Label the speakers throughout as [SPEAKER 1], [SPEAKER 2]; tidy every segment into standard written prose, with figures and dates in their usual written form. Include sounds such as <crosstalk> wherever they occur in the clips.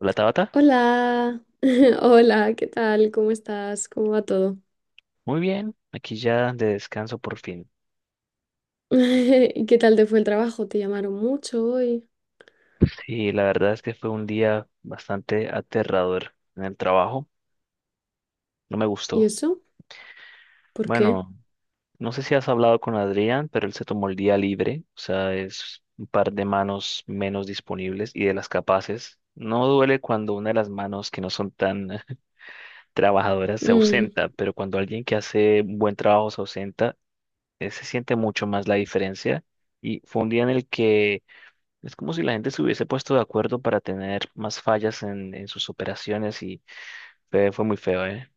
[SPEAKER 1] Hola Tabata,
[SPEAKER 2] Hola, <laughs> hola, ¿qué tal? ¿Cómo estás? ¿Cómo va todo?
[SPEAKER 1] muy bien, aquí ya de descanso por fin.
[SPEAKER 2] <laughs> ¿Y qué tal te fue el trabajo? ¿Te llamaron mucho hoy?
[SPEAKER 1] Sí, la verdad es que fue un día bastante aterrador en el trabajo, no me
[SPEAKER 2] ¿Y
[SPEAKER 1] gustó.
[SPEAKER 2] eso? ¿Por qué?
[SPEAKER 1] Bueno, no sé si has hablado con Adrián, pero él se tomó el día libre, o sea, es un par de manos menos disponibles y de las capaces. No duele cuando una de las manos que no son tan <laughs> trabajadoras se
[SPEAKER 2] Mm,
[SPEAKER 1] ausenta, pero cuando alguien que hace un buen trabajo se ausenta, se siente mucho más la diferencia. Y fue un día en el que es como si la gente se hubiese puesto de acuerdo para tener más fallas en sus operaciones y fue muy feo, ¿eh?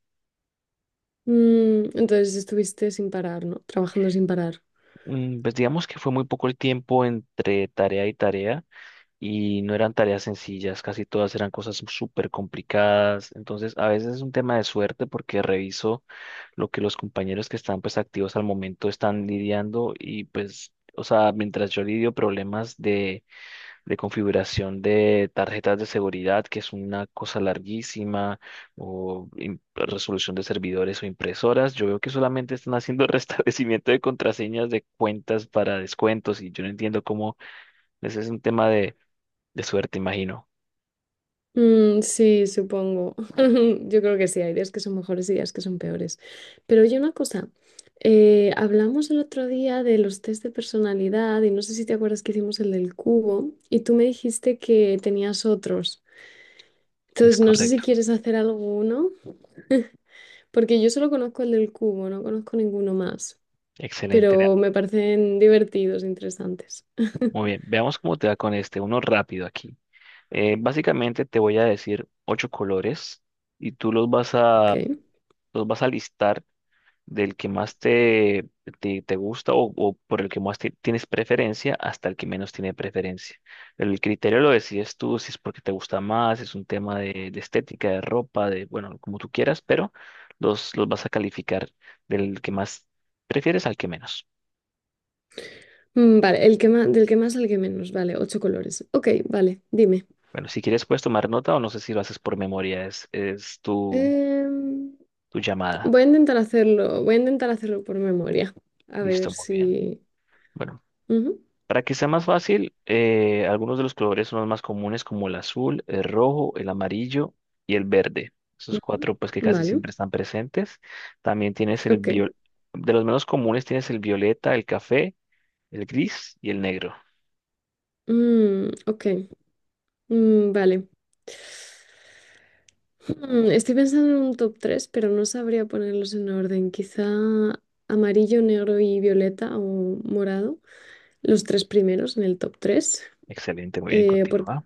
[SPEAKER 2] entonces estuviste sin parar, ¿no? Trabajando sin parar.
[SPEAKER 1] Pues digamos que fue muy poco el tiempo entre tarea y tarea y no eran tareas sencillas, casi todas eran cosas súper complicadas, entonces a veces es un tema de suerte porque reviso lo que los compañeros que están pues activos al momento están lidiando y pues, o sea, mientras yo lidio problemas de configuración de tarjetas de seguridad, que es una cosa larguísima, o resolución de servidores o impresoras. Yo veo que solamente están haciendo <laughs> restablecimiento de contraseñas de cuentas para descuentos y yo no entiendo cómo ese es un tema de suerte, imagino.
[SPEAKER 2] Mm, sí, supongo. <laughs> Yo creo que sí, hay días que son mejores y días que son peores. Pero oye, una cosa, hablamos el otro día de los test de personalidad y no sé si te acuerdas que hicimos el del cubo y tú me dijiste que tenías otros.
[SPEAKER 1] Es
[SPEAKER 2] Entonces, no sé si
[SPEAKER 1] correcto.
[SPEAKER 2] quieres hacer alguno, porque yo solo conozco el del cubo, no conozco ninguno más,
[SPEAKER 1] Excelente.
[SPEAKER 2] pero me parecen divertidos, interesantes.
[SPEAKER 1] Muy bien. Veamos cómo te va con este. Uno rápido aquí. Básicamente te voy a decir ocho colores y tú los vas a,
[SPEAKER 2] Ok.
[SPEAKER 1] los vas a listar del que más te gusta o por el que más tienes preferencia hasta el que menos tiene preferencia. El criterio lo decides tú, si es porque te gusta más, es un tema de estética, de ropa, de, bueno, como tú quieras, pero los vas a calificar del que más prefieres al que menos.
[SPEAKER 2] Mm, vale, el que más, del que más al que menos, vale, ocho colores. Ok, vale, dime.
[SPEAKER 1] Bueno, si quieres puedes tomar nota o no sé si lo haces por memoria, es, es tu,
[SPEAKER 2] Em,
[SPEAKER 1] tu llamada.
[SPEAKER 2] Voy a intentar hacerlo por memoria, a ver
[SPEAKER 1] Listo, muy bien.
[SPEAKER 2] si.
[SPEAKER 1] Bueno.
[SPEAKER 2] Ujú,
[SPEAKER 1] Para que sea más fácil, algunos de los colores son los más comunes como el azul, el rojo, el amarillo y el verde. Esos
[SPEAKER 2] ujú.
[SPEAKER 1] cuatro pues que casi
[SPEAKER 2] Vale,
[SPEAKER 1] siempre están presentes. También tienes
[SPEAKER 2] ok.
[SPEAKER 1] de los menos comunes tienes el violeta, el café, el gris y el negro.
[SPEAKER 2] Mm, ok. Mm, vale. Estoy pensando en un top 3 pero no sabría ponerlos en orden. Quizá amarillo, negro y violeta o morado. Los tres primeros en el top 3.
[SPEAKER 1] Excelente, muy bien,
[SPEAKER 2] Porque
[SPEAKER 1] continúa.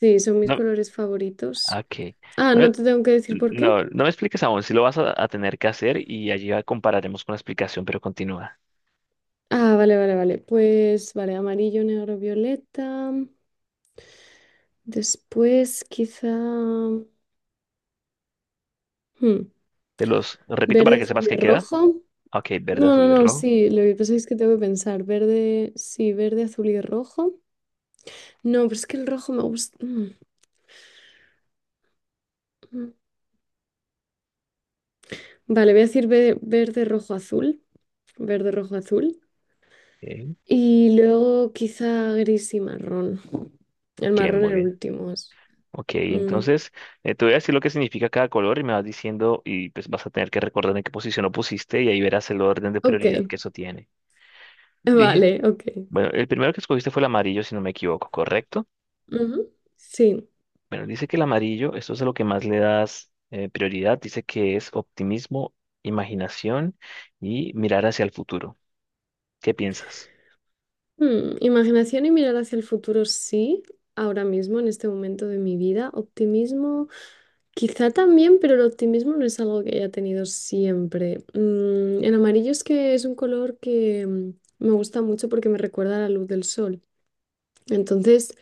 [SPEAKER 2] sí, son mis
[SPEAKER 1] No,
[SPEAKER 2] colores favoritos.
[SPEAKER 1] ok.
[SPEAKER 2] Ah,
[SPEAKER 1] No,
[SPEAKER 2] no te tengo que decir por qué.
[SPEAKER 1] no, no me expliques aún, si lo vas a tener que hacer y allí ya compararemos con la explicación, pero continúa.
[SPEAKER 2] Ah, vale, vale, vale. Pues vale, amarillo, negro, violeta. Después quizá
[SPEAKER 1] Te los repito
[SPEAKER 2] verde,
[SPEAKER 1] para que
[SPEAKER 2] azul
[SPEAKER 1] sepas
[SPEAKER 2] y
[SPEAKER 1] qué queda.
[SPEAKER 2] rojo.
[SPEAKER 1] Ok, verde,
[SPEAKER 2] No,
[SPEAKER 1] azul
[SPEAKER 2] no,
[SPEAKER 1] y
[SPEAKER 2] no,
[SPEAKER 1] rojo.
[SPEAKER 2] sí, lo que pasa es que tengo que pensar, verde, sí, verde, azul y rojo. No, pero es que el rojo me gusta. Mm. Vale, voy a decir verde, rojo, azul, verde, rojo, azul.
[SPEAKER 1] Ok,
[SPEAKER 2] Y luego quizá gris y marrón. El
[SPEAKER 1] ok,
[SPEAKER 2] marrón
[SPEAKER 1] muy
[SPEAKER 2] el
[SPEAKER 1] bien.
[SPEAKER 2] último es.
[SPEAKER 1] Ok,
[SPEAKER 2] Mm,
[SPEAKER 1] entonces te voy a decir lo que significa cada color y me vas diciendo y pues vas a tener que recordar en qué posición lo pusiste y ahí verás el orden de
[SPEAKER 2] ok,
[SPEAKER 1] prioridad que eso tiene.
[SPEAKER 2] <laughs>
[SPEAKER 1] Dije,
[SPEAKER 2] vale, ok.
[SPEAKER 1] bueno, el primero que escogiste fue el amarillo, si no me equivoco, ¿correcto?
[SPEAKER 2] Ujú, sí.
[SPEAKER 1] Bueno, dice que el amarillo, esto es a lo que más le das prioridad, dice que es optimismo, imaginación y mirar hacia el futuro. ¿Qué piensas?
[SPEAKER 2] Imaginación y mirar hacia el futuro, sí, ahora mismo, en este momento de mi vida. Optimismo. Quizá también, pero el optimismo no es algo que haya tenido siempre. El amarillo es que es un color que me gusta mucho porque me recuerda a la luz del sol. Entonces,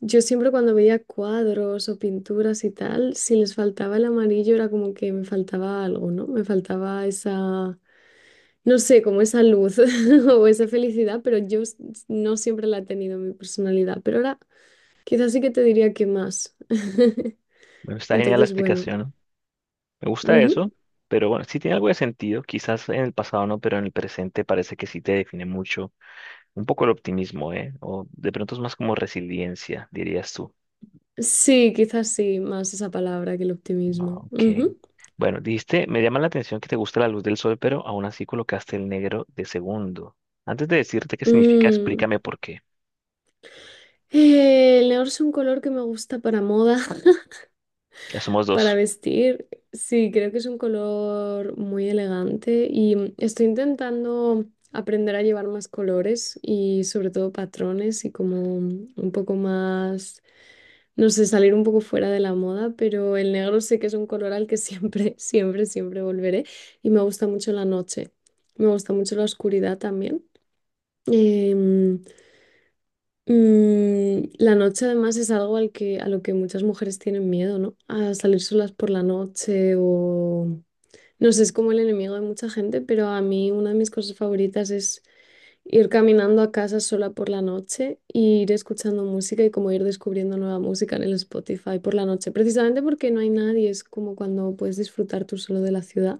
[SPEAKER 2] yo siempre cuando veía cuadros o pinturas y tal, si les faltaba el amarillo era como que me faltaba algo, ¿no? Me faltaba esa, no sé, como esa luz <laughs> o esa felicidad, pero no siempre la he tenido en mi personalidad. Pero ahora quizás sí que te diría que más. <laughs>
[SPEAKER 1] Bueno, está genial la
[SPEAKER 2] Entonces, bueno.
[SPEAKER 1] explicación, ¿no? Me gusta eso, pero bueno, sí tiene algo de sentido, quizás en el pasado no, pero en el presente parece que sí te define mucho un poco el optimismo, ¿eh? O de pronto es más como resiliencia, dirías tú.
[SPEAKER 2] Sí, quizás sí, más esa palabra que el
[SPEAKER 1] Ah,
[SPEAKER 2] optimismo.
[SPEAKER 1] ok.
[SPEAKER 2] Ujú.
[SPEAKER 1] Bueno, dijiste, me llama la atención que te gusta la luz del sol, pero aún así colocaste el negro de segundo. Antes de decirte qué significa,
[SPEAKER 2] Mm.
[SPEAKER 1] explícame por qué.
[SPEAKER 2] El negro es un color que me gusta para moda, <laughs>
[SPEAKER 1] Ya somos
[SPEAKER 2] para
[SPEAKER 1] dos.
[SPEAKER 2] vestir. Sí, creo que es un color muy elegante y estoy intentando aprender a llevar más colores y sobre todo patrones y como un poco más, no sé, salir un poco fuera de la moda, pero el negro sé que es un color al que siempre, <laughs> siempre, siempre volveré y me gusta mucho la noche. Me gusta mucho la oscuridad también. Em, la noche además es algo a lo que muchas mujeres tienen miedo, ¿no? A salir solas por la noche o. No sé, es como el enemigo de mucha gente, pero a mí una de mis cosas favoritas es ir caminando a casa sola por la noche y ir escuchando música y como ir descubriendo nueva música en el Spotify por la noche, precisamente porque no hay nadie, es como cuando puedes disfrutar tú solo de la ciudad.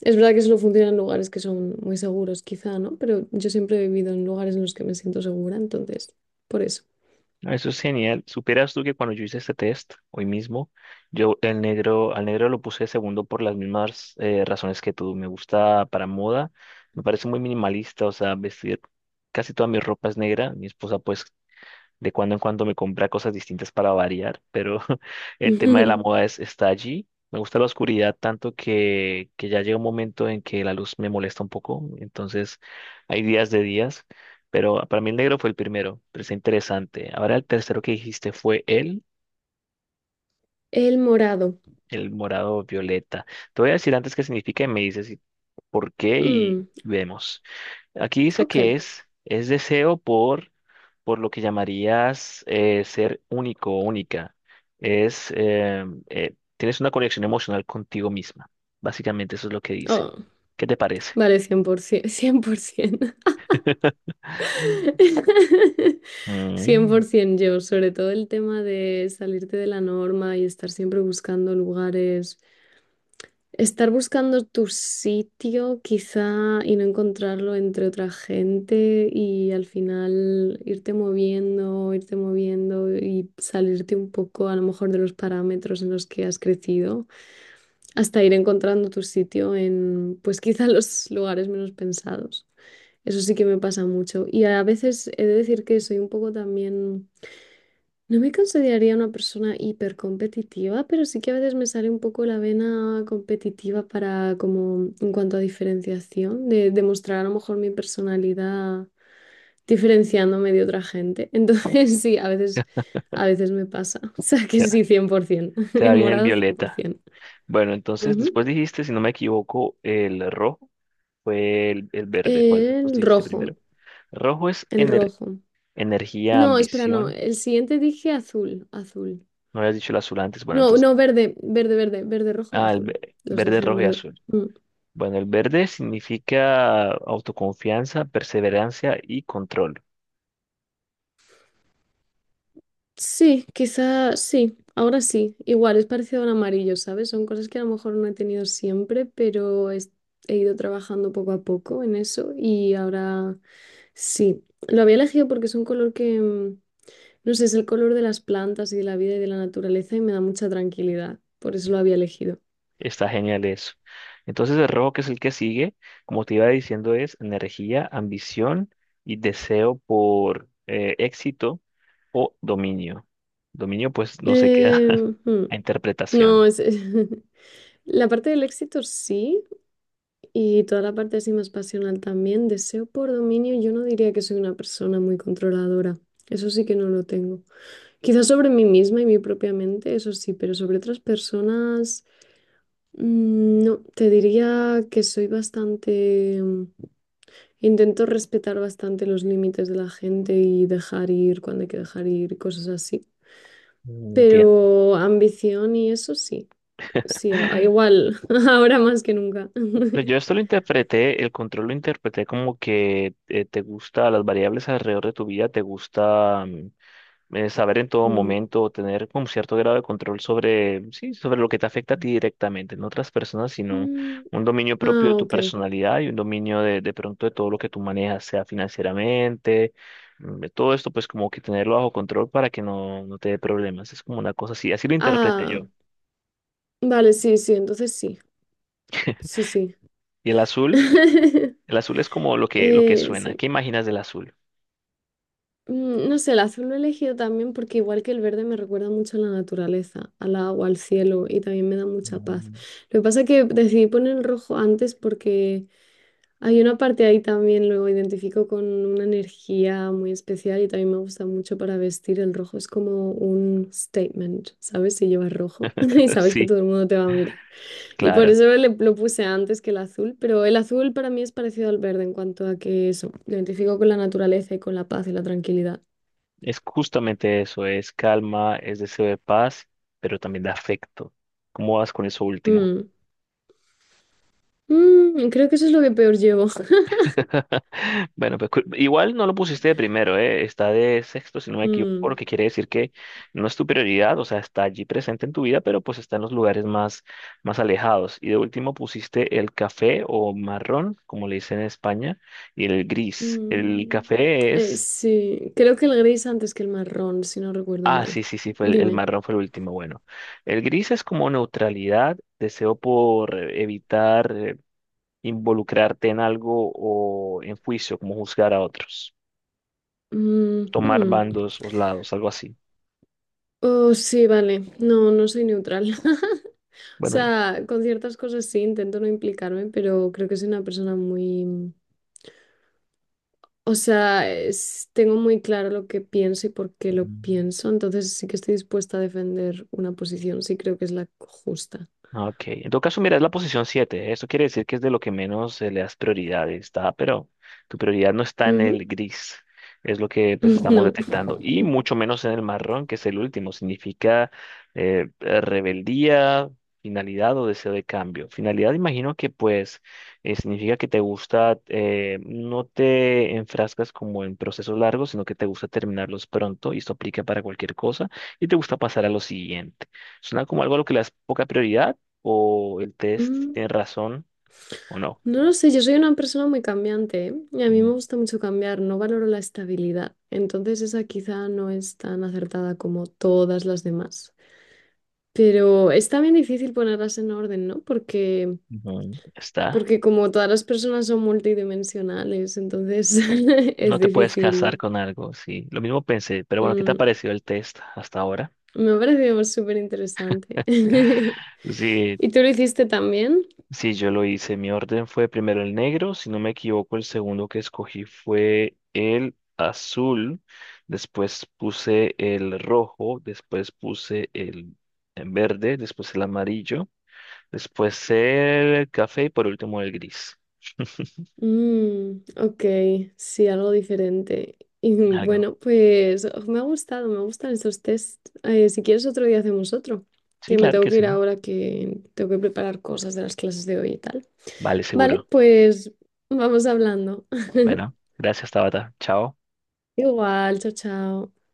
[SPEAKER 2] Es verdad que solo funciona en lugares que son muy seguros, quizá, ¿no? Pero yo siempre he vivido en lugares en los que me siento segura, entonces, por eso.
[SPEAKER 1] Ah, eso es genial. Supieras tú que cuando yo hice este test, hoy mismo, yo el negro, al negro lo puse de segundo por las mismas razones que tú. Me gusta para moda, me parece muy minimalista, o sea, vestir casi toda mi ropa es negra. Mi esposa pues de cuando en cuando me compra cosas distintas para variar, pero <laughs> el tema de la moda
[SPEAKER 2] <laughs>
[SPEAKER 1] es, está allí. Me gusta la oscuridad tanto que ya llega un momento en que la luz me molesta un poco. Entonces hay días de días, pero para mí el negro fue el primero, pero está interesante. Ahora el tercero que dijiste fue el,
[SPEAKER 2] El morado.
[SPEAKER 1] el morado violeta. Te voy a decir antes qué significa y me dices si, por qué y
[SPEAKER 2] Mm,
[SPEAKER 1] vemos. Aquí dice
[SPEAKER 2] ok.
[SPEAKER 1] que es deseo por lo que llamarías ser único o única. Es, eh, tienes una conexión emocional contigo misma. Básicamente eso es lo que dice.
[SPEAKER 2] Oh,
[SPEAKER 1] ¿Qué te parece?
[SPEAKER 2] vale, 100%. <laughs> Cien, por
[SPEAKER 1] <laughs>
[SPEAKER 2] <laughs> cien por
[SPEAKER 1] Mm,
[SPEAKER 2] 100% yo, sobre todo el tema de salirte de la norma y estar siempre buscando lugares. Estar buscando tu sitio quizá y no encontrarlo entre otra gente y al final irte moviendo y salirte un poco a lo mejor de los parámetros en los que has crecido hasta ir encontrando tu sitio en pues quizá <laughs> los lugares menos pensados. Eso sí que me pasa mucho y a veces he de decir que soy un poco también no me consideraría una persona hipercompetitiva, pero sí que a veces me sale un poco la vena competitiva para, como, en cuanto a diferenciación, de demostrar a lo mejor mi personalidad diferenciándome de otra gente. Entonces, <laughs> sí, a veces me pasa. <laughs> O sea que
[SPEAKER 1] te da
[SPEAKER 2] sí, 100%. <laughs>
[SPEAKER 1] te da
[SPEAKER 2] El
[SPEAKER 1] bien el
[SPEAKER 2] morado,
[SPEAKER 1] violeta.
[SPEAKER 2] 100%.
[SPEAKER 1] Bueno, entonces
[SPEAKER 2] Ujú.
[SPEAKER 1] después dijiste, si no me equivoco, el rojo fue el verde. ¿Cuál de los dos
[SPEAKER 2] El
[SPEAKER 1] dijiste
[SPEAKER 2] rojo,
[SPEAKER 1] primero? Rojo es
[SPEAKER 2] el rojo.
[SPEAKER 1] energía,
[SPEAKER 2] No, espera, no.
[SPEAKER 1] ambición.
[SPEAKER 2] El siguiente dije azul, azul.
[SPEAKER 1] No habías dicho el azul antes. Bueno,
[SPEAKER 2] No,
[SPEAKER 1] entonces,
[SPEAKER 2] no, verde, verde, verde, verde, rojo y azul. Los
[SPEAKER 1] verde,
[SPEAKER 2] dejé en
[SPEAKER 1] rojo y
[SPEAKER 2] verde.
[SPEAKER 1] azul.
[SPEAKER 2] Mm.
[SPEAKER 1] Bueno, el verde significa autoconfianza, perseverancia y control.
[SPEAKER 2] Sí, quizá sí, ahora sí. Igual es parecido a un amarillo, ¿sabes? Son cosas que a lo mejor no he tenido siempre, pero he ido trabajando poco a poco en eso y ahora sí. Lo había elegido porque es un color que, no sé, es el color de las plantas y de la vida y de la naturaleza y me da mucha tranquilidad. Por eso lo había elegido.
[SPEAKER 1] Está genial eso. Entonces el rojo, que es el que sigue, como te iba diciendo, es energía, ambición y deseo por éxito o dominio. Dominio, pues no se queda
[SPEAKER 2] Eh,
[SPEAKER 1] <laughs>
[SPEAKER 2] hmm,
[SPEAKER 1] a
[SPEAKER 2] No,
[SPEAKER 1] interpretación.
[SPEAKER 2] es. <laughs> La parte del éxito sí, y toda la parte así más pasional también. Deseo por dominio, yo no diría que soy una persona muy controladora. Eso sí que no lo tengo. Quizás sobre mí misma y mi propia mente, eso sí, pero sobre otras personas, no. Te diría que soy bastante. Intento respetar bastante los límites de la gente y dejar ir cuando hay que dejar ir, y cosas así.
[SPEAKER 1] Mm, entiendo.
[SPEAKER 2] Pero ambición y eso sí. Sí, igual, <laughs> ahora más que nunca.
[SPEAKER 1] Pero
[SPEAKER 2] <laughs>
[SPEAKER 1] yo esto lo interpreté, el control lo interpreté como que te gusta las variables alrededor de tu vida, te gusta saber en todo
[SPEAKER 2] Mm.
[SPEAKER 1] momento, tener como cierto grado de control sobre, sí, sobre lo que te afecta a ti directamente, no otras personas, sino
[SPEAKER 2] Mm,
[SPEAKER 1] un dominio propio de
[SPEAKER 2] ah,
[SPEAKER 1] tu
[SPEAKER 2] ok.
[SPEAKER 1] personalidad y un dominio de pronto de todo lo que tú manejas, sea financieramente, de todo esto, pues como que tenerlo bajo control para que no te dé problemas. Es como una cosa así, así lo interpreté
[SPEAKER 2] Ah,
[SPEAKER 1] yo.
[SPEAKER 2] vale, sí, sí, entonces sí, sí, sí.
[SPEAKER 1] Y
[SPEAKER 2] <laughs>
[SPEAKER 1] el azul es como lo que
[SPEAKER 2] Eh,
[SPEAKER 1] suena.
[SPEAKER 2] sí.
[SPEAKER 1] ¿Qué imaginas del azul?
[SPEAKER 2] Mm, no sé, el azul lo he elegido también porque igual que el verde me recuerda mucho a la naturaleza, al agua, al cielo y también me da mucha paz.
[SPEAKER 1] Mm.
[SPEAKER 2] Lo que pasa es que decidí poner el rojo antes porque hay una parte ahí también, lo identifico con una energía muy especial y también me gusta mucho para vestir. El rojo es como un statement, ¿sabes? Si llevas rojo <laughs> y
[SPEAKER 1] <laughs>
[SPEAKER 2] sabes que
[SPEAKER 1] Sí,
[SPEAKER 2] todo el mundo te va a mirar. Y por
[SPEAKER 1] claro.
[SPEAKER 2] eso lo puse antes que el azul, pero el azul para mí es parecido al verde en cuanto a que eso, lo identifico con la naturaleza y con la paz y la tranquilidad.
[SPEAKER 1] Es justamente eso, es calma, es deseo de paz, pero también de afecto. ¿Cómo vas con eso último?
[SPEAKER 2] Mm. Mm, creo que eso es lo que peor llevo. <laughs>
[SPEAKER 1] <laughs> Bueno, pues igual no lo pusiste de primero, ¿eh? Está de sexto, si no me equivoco, lo
[SPEAKER 2] Mm,
[SPEAKER 1] que quiere decir que no es tu prioridad, o sea, está allí presente en tu vida, pero pues está en los lugares más, más alejados. Y de último pusiste el café o marrón, como le dicen en España, y el gris. El
[SPEAKER 2] mm.
[SPEAKER 1] café
[SPEAKER 2] Eh,
[SPEAKER 1] es...
[SPEAKER 2] sí, creo que el gris antes que el marrón, si no recuerdo
[SPEAKER 1] Ah, sí,
[SPEAKER 2] mal.
[SPEAKER 1] sí, sí, fue el
[SPEAKER 2] Dime.
[SPEAKER 1] marrón fue el último. Bueno, el gris es como neutralidad, deseo por evitar involucrarte en algo o en juicio, como juzgar a otros,
[SPEAKER 2] Mm,
[SPEAKER 1] tomar
[SPEAKER 2] mm.
[SPEAKER 1] bandos o lados, algo así.
[SPEAKER 2] Oh, sí, vale. No, no soy neutral. <laughs> O
[SPEAKER 1] Bueno.
[SPEAKER 2] sea, con ciertas cosas sí, intento no implicarme, pero creo que soy una persona muy. O sea, tengo muy claro lo que pienso y por qué lo
[SPEAKER 1] Mm.
[SPEAKER 2] pienso, entonces sí que estoy dispuesta a defender una posición, sí creo que es la justa.
[SPEAKER 1] Ah, ok, en todo caso, mira, es la posición 7. Eso quiere decir que es de lo que menos le das prioridad, está, pero tu prioridad no está en el
[SPEAKER 2] Ujú.
[SPEAKER 1] gris, es lo que pues estamos
[SPEAKER 2] <laughs> No.
[SPEAKER 1] detectando, y mucho menos en el marrón, que es el último. Significa rebeldía, finalidad o deseo de cambio. Finalidad, imagino que pues significa que te gusta, no te enfrascas como en procesos largos, sino que te gusta terminarlos pronto, y esto aplica para cualquier cosa, y te gusta pasar a lo siguiente. Suena como algo a lo que le das poca prioridad o el test
[SPEAKER 2] Mm,
[SPEAKER 1] tiene razón o no.
[SPEAKER 2] no lo sé, yo soy una persona muy cambiante, ¿eh? Y a mí me
[SPEAKER 1] Mm,
[SPEAKER 2] gusta mucho cambiar, no valoro la estabilidad, entonces esa quizá no es tan acertada como todas las demás. Pero es también difícil ponerlas en orden, ¿no? Porque,
[SPEAKER 1] ujú. Está.
[SPEAKER 2] porque como todas las personas son multidimensionales, entonces <laughs> es
[SPEAKER 1] No te puedes casar
[SPEAKER 2] difícil.
[SPEAKER 1] con algo, sí. Lo mismo pensé, pero bueno, ¿qué te ha
[SPEAKER 2] mm,
[SPEAKER 1] parecido el test hasta ahora?
[SPEAKER 2] Me ha parecido súper interesante. <laughs>
[SPEAKER 1] <laughs> Sí,
[SPEAKER 2] ¿Y tú lo hiciste también?
[SPEAKER 1] sí, yo lo hice. Mi orden fue primero el negro, si no me equivoco, el segundo que escogí fue el azul, después puse el rojo, después puse el verde, después el amarillo, después el café y por último el gris. <laughs>
[SPEAKER 2] Mm, ok, sí, algo diferente. Y
[SPEAKER 1] Algo.
[SPEAKER 2] bueno, pues oh, me ha gustado, me gustan estos test. Si quieres otro día hacemos otro,
[SPEAKER 1] Sí,
[SPEAKER 2] que me
[SPEAKER 1] claro
[SPEAKER 2] tengo
[SPEAKER 1] que
[SPEAKER 2] que ir
[SPEAKER 1] sí.
[SPEAKER 2] ahora que tengo que preparar cosas de las clases de hoy y tal.
[SPEAKER 1] Vale,
[SPEAKER 2] Vale,
[SPEAKER 1] seguro.
[SPEAKER 2] pues vamos hablando. <laughs>
[SPEAKER 1] Bueno, gracias, Tabata. Chao.
[SPEAKER 2] Igual, chao, chao.